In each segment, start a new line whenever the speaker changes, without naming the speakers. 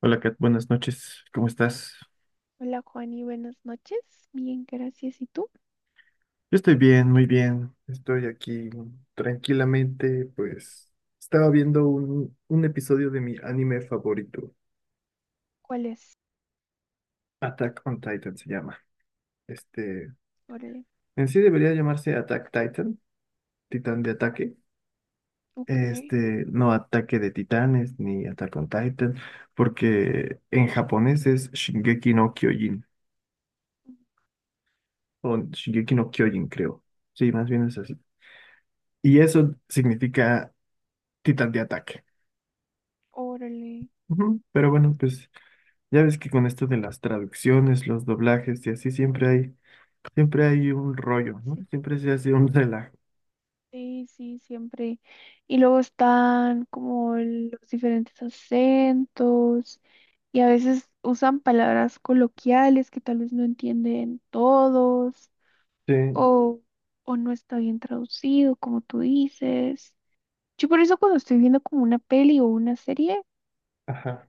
Hola Kat, buenas noches, ¿cómo estás?
Hola Juani, buenas noches. Bien, gracias. ¿Y tú?
Yo estoy bien, muy bien, estoy aquí tranquilamente, pues estaba viendo un episodio de mi anime favorito,
¿Cuál es?
Attack on Titan se llama. Este,
Órale.
en sí debería llamarse Attack Titan, Titán de ataque,
Ok.
no ataque de titanes ni Attack on Titan, porque en japonés es Shingeki no Kyojin, o Shingeki no Kyojin creo, sí, más bien es así. Y eso significa Titán de ataque.
Órale.
Ujú. Pero bueno, pues ya ves que con esto de las traducciones, los doblajes y así siempre hay un rollo, ¿no?
Sí,
Siempre se hace un relajo.
sí, sí, siempre. Y luego están como los diferentes acentos y a veces usan palabras coloquiales que tal vez no entienden todos
Sí,
o, o no está bien traducido, como tú dices. Yo por eso cuando estoy viendo como una peli o una serie,
ajá.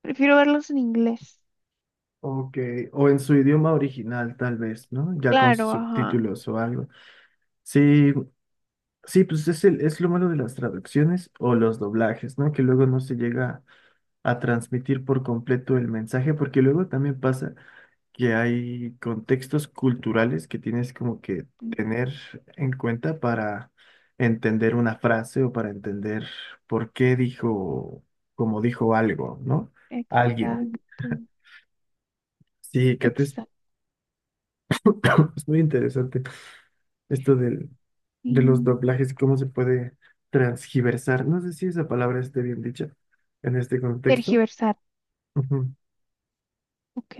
prefiero verlos en inglés.
Ok, o en su idioma original tal vez, ¿no? Ya con
Claro, ajá.
subtítulos o algo. Sí, sí, pues es lo malo de las traducciones o los doblajes, ¿no? Que luego no se llega a transmitir por completo el mensaje, porque luego también pasa que hay contextos culturales que tienes como que tener en cuenta para entender una frase o para entender por qué dijo, como dijo algo, ¿no? Alguien.
Exacto,
Sí,
exacto.
es muy interesante esto del, de los
y
doblajes y cómo se puede transgiversar. No sé si esa palabra esté bien dicha en este contexto.
Tergiversar,
Ujú.
ok.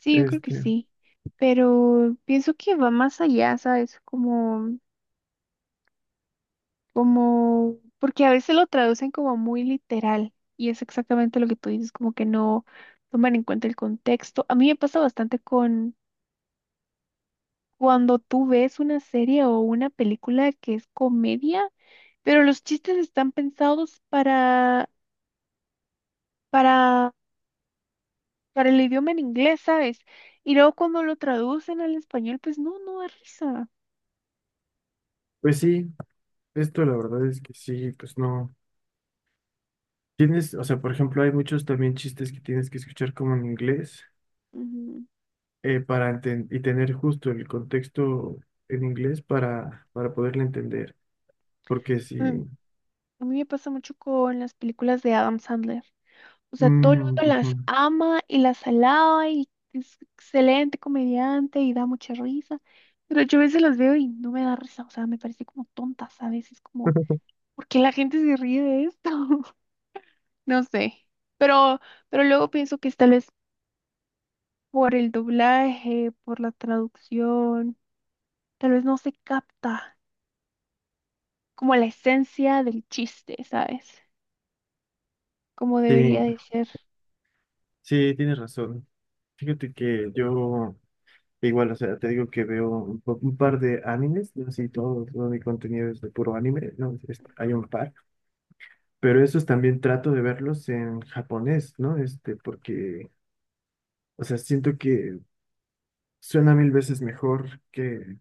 Sí, yo creo que
Este,
sí, pero pienso que va más allá, ¿sabes? Como, como, porque a veces lo traducen como muy literal y es exactamente lo que tú dices, como que no toman en cuenta el contexto. A mí me pasa bastante con cuando tú ves una serie o una película que es comedia, pero los chistes están pensados para Para el idioma en inglés, ¿sabes? Y luego cuando lo traducen al español, pues no, no da risa.
pues sí, esto la verdad es que sí, pues no. Tienes, o sea, por ejemplo, hay muchos también chistes que tienes que escuchar como en inglés
Ujú.
para y tener justo el contexto en inglés para poderle entender. Porque
Mm,
si...
A mí me pasa mucho con las películas de Adam Sandler. O sea, todo el mundo
mm, ujú.
las ama y las alaba y es excelente comediante y da mucha risa. Pero yo a veces las veo y no me da risa. O sea, me parece como tontas a veces, como, ¿por qué la gente se ríe de esto? No sé. Pero, pero luego pienso que es tal vez por el doblaje, por la traducción tal vez no se capta como la esencia del chiste, ¿sabes? Como
Sí,
debería de ser.
sí, tienes razón. Fíjate que yo, igual, o sea, te digo que veo un par de animes, no así todo, todo mi contenido es de puro anime, ¿no? Hay un par, pero esos también trato de verlos en japonés, ¿no? Porque, o sea, siento que suena mil veces mejor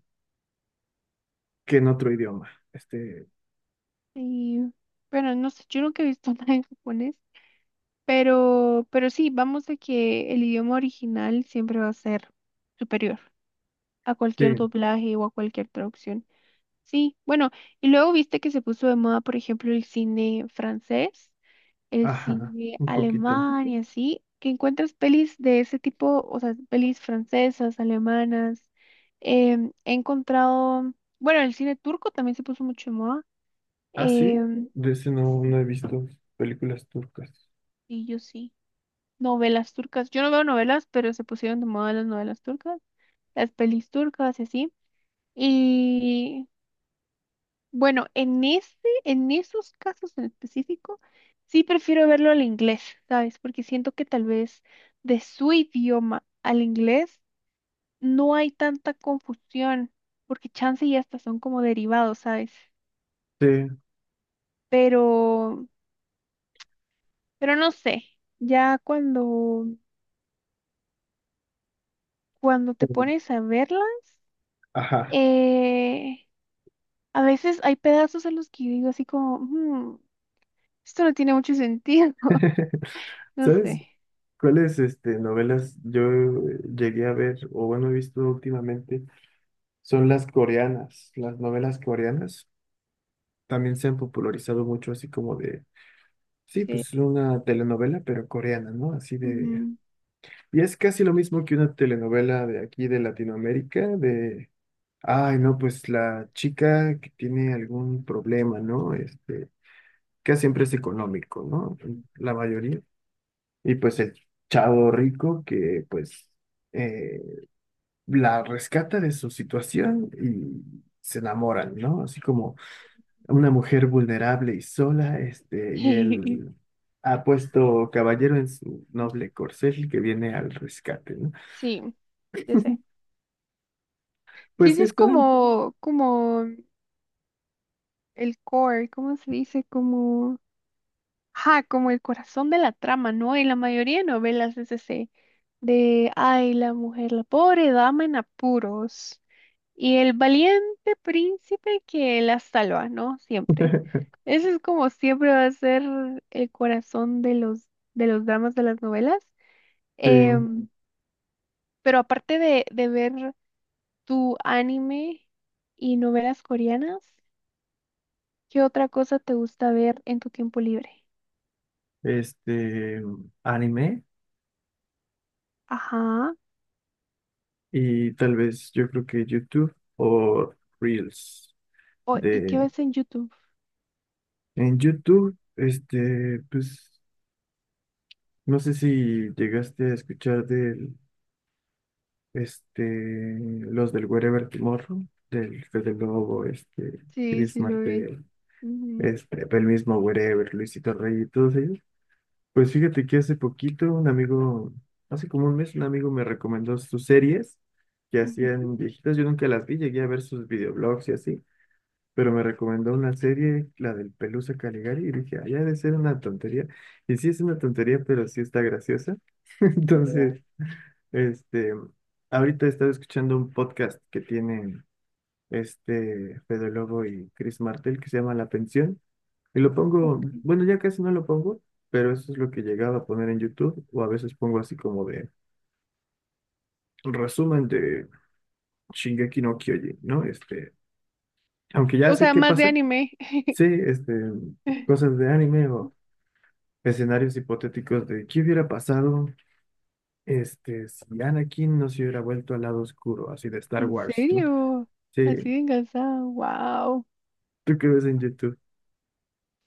que en otro idioma. Este,
Y bueno, no sé, yo nunca he visto nada en japonés, pero sí, vamos a que el idioma original siempre va a ser superior a cualquier
sí,
doblaje o a cualquier traducción. Sí, bueno, y luego viste que se puso de moda, por ejemplo, el cine francés, el
ajá,
cine
un poquito.
alemán y así, que encuentras pelis de ese tipo, o sea, pelis francesas, alemanas. He encontrado, bueno, el cine turco también se puso mucho en moda.
Ah, sí,
Em,
de ese no,
sí,
no he visto películas turcas.
sí, yo sí. Novelas turcas. Yo no veo novelas, pero se pusieron de moda las novelas turcas, las pelis turcas y así. Y Bueno, en ese, en esos casos en específico, sí prefiero verlo al inglés, ¿sabes? Porque siento que tal vez de su idioma al inglés no hay tanta confusión, porque chance y hasta son como derivados, ¿sabes?
Sí,
Pero, pero no sé, ya cuando, cuando te
sí,
pones a verlas,
ajá.
eh, a veces hay pedazos en los que yo digo así como, "Mm, esto no tiene mucho sentido", no
¿Sabes
sé,
cuáles este, novelas yo llegué a ver o bueno he visto últimamente? Son las coreanas, las novelas coreanas. También se han popularizado mucho sí, pues
sí.
es una telenovela, pero coreana, ¿no? Así de
Ujú.
y es casi lo mismo que una telenovela de aquí de Latinoamérica, de, ay, no, pues la chica que tiene algún problema, ¿no? Este, que siempre es económico, ¿no? La mayoría. Y pues el chavo rico que pues eh, la rescata de su situación y se enamoran, ¿no? Así como una mujer vulnerable y sola, este, y el apuesto caballero en su noble corcel que viene al rescate, ¿no?
Sí, ya sé. Sí,
Pues
sí, es
están.
como, como el core, ¿cómo se dice? Como, ajá, como el corazón de la trama, ¿no? Y la mayoría de novelas es ese, de, ay, la mujer, la pobre dama en apuros, y el valiente príncipe que la salva, ¿no? Siempre. Ese es como siempre va a ser el corazón de los dramas de las novelas.
Sí,
Em, pero aparte de ver tu anime y novelas coreanas, ¿qué otra cosa te gusta ver en tu tiempo libre?
este, anime
Ajá.
y tal vez yo creo que YouTube o Reels
O- ¿y qué
de
ves en YouTube?
en YouTube, este, pues no sé si llegaste a escuchar del este los del Wherever Tomorrow, del Fede Lobo, este,
Sí,
Chris
sí lo vi.
Martel,
Ujú.
este, el mismo Wherever, Luisito Rey y todos ellos. Pues fíjate que hace como un mes, un amigo me recomendó sus series que
Ujú,
hacían viejitas. Yo nunca las vi, llegué a ver sus videoblogs y así, pero me recomendó una serie, la del Pelusa Caligari, y dije, ah, ya debe ser una tontería. Y sí es una tontería, pero sí está graciosa.
¿verdad?
Entonces, este, ahorita he estado escuchando un podcast que tienen este Fede Lobo y Chris Martel que se llama La Pensión. Y lo pongo,
Ok.
bueno, ya casi no lo pongo, pero eso es lo que llegaba a poner en YouTube, o a veces pongo así como de resumen de Shingeki no Kyojin, ¿no? Este, aunque ya
O
sé
sea,
qué
más de
pasa,
anime.
sí, este, cosas de anime o escenarios hipotéticos de qué hubiera pasado, este, si Anakin no se hubiera vuelto al lado oscuro, así de Star
¿En
Wars, ¿no?
serio? Así
Sí,
de enganchada. Wow.
tú qué ves en YouTube.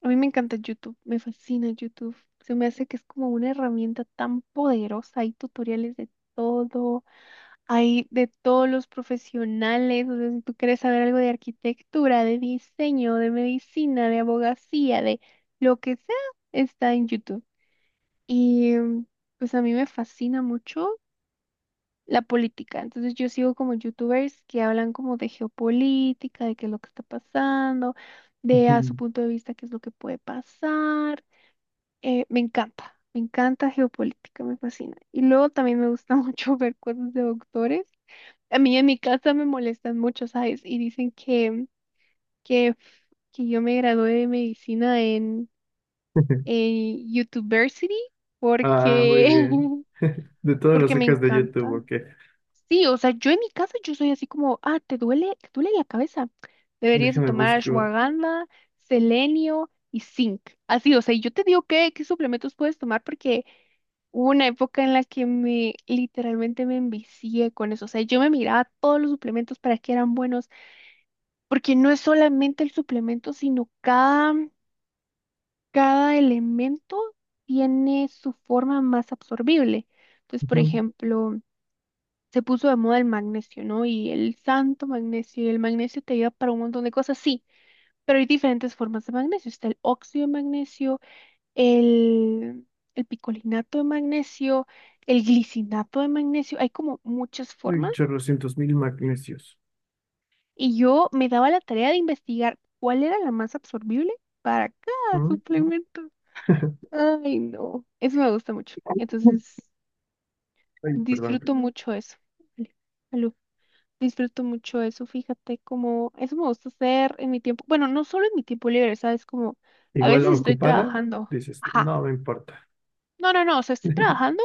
A mí me encanta YouTube. Me fascina YouTube. Se me hace que es como una herramienta tan poderosa. Hay tutoriales de todo. Hay de todos los profesionales, o sea, si tú quieres saber algo de arquitectura, de diseño, de medicina, de abogacía, de lo que sea, está en YouTube. Y mm, pues a mí me fascina mucho la política. Entonces yo sigo como youtubers que hablan como de geopolítica, de qué es lo que está pasando, de a su punto de vista qué es lo que puede pasar. Me encanta geopolítica, me fascina. Y luego también me gusta mucho ver cosas de doctores. A mí en mi casa me molestan mucho, ¿sabes? Y dicen que, que yo me gradué de medicina en YouTubersity
Ah, muy
porque,
bien. De todo lo
porque me
sacas de YouTube,
encanta.
ok.
Sí, o sea, yo en mi casa yo soy así como, ah, ¿te duele? ¿Te duele la cabeza? Deberías de
Déjame
tomar
busco.
ashwagandha, selenio y zinc. Así, o sea, y yo te digo qué, qué suplementos puedes tomar porque hubo una época en la que me literalmente me envicié con eso. O sea, yo me miraba todos los suplementos para que eran buenos porque no es solamente el suplemento, sino cada, cada elemento tiene su forma más absorbible. Entonces, por ejemplo, se puso de moda el magnesio, ¿no? Y el santo magnesio, y el magnesio te ayuda para un montón de cosas, sí, pero hay diferentes formas de magnesio. Está el óxido de magnesio, el, el picolinato de magnesio, el glicinato de magnesio, hay como muchas
Hay
formas.
chorrocientos mil magnesios.
Y yo me daba la tarea de investigar cuál era la más absorbible para cada suplemento. Ay, no. Eso me gusta mucho.
Ujú.
Entonces,
Ay, perdón.
disfruto mucho eso. Vale. Aló. Disfruto mucho eso. Fíjate cómo eso me gusta hacer en mi tiempo. Bueno, no solo en mi tiempo libre, ¿sabes? Como a
Igual
veces estoy
ocupada,
trabajando.
dices,
Ajá.
no me importa.
No, no, no. O sea, estoy trabajando,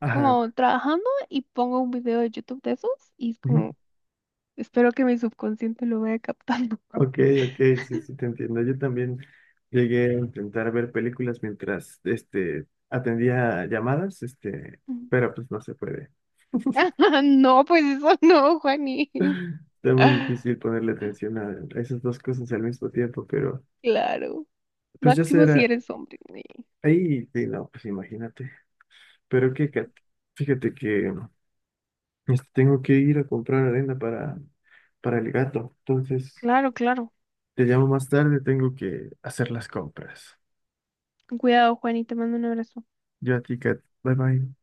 Ajá.
como trabajando y pongo un video de YouTube de esos y es
Ujú.
como, espero que mi subconsciente lo vaya captando.
Ok, ok, sí, sí, te entiendo. Yo también llegué a intentar ver películas mientras, este, atendía llamadas, este, pero pues no se puede.
No, pues eso no, Juani.
Está muy difícil ponerle atención a esas dos cosas al mismo tiempo, pero
Claro.
pues ya
Máximo si
será.
eres hombre.
Ahí, sí, no, pues imagínate. Pero qué, Kat, fíjate que tengo que ir a comprar arena para el gato. Entonces,
Claro, claro.
te llamo más tarde, tengo que hacer las compras.
Con cuidado, Juan, te mando un abrazo.
Yo a ti, Kat. Bye bye.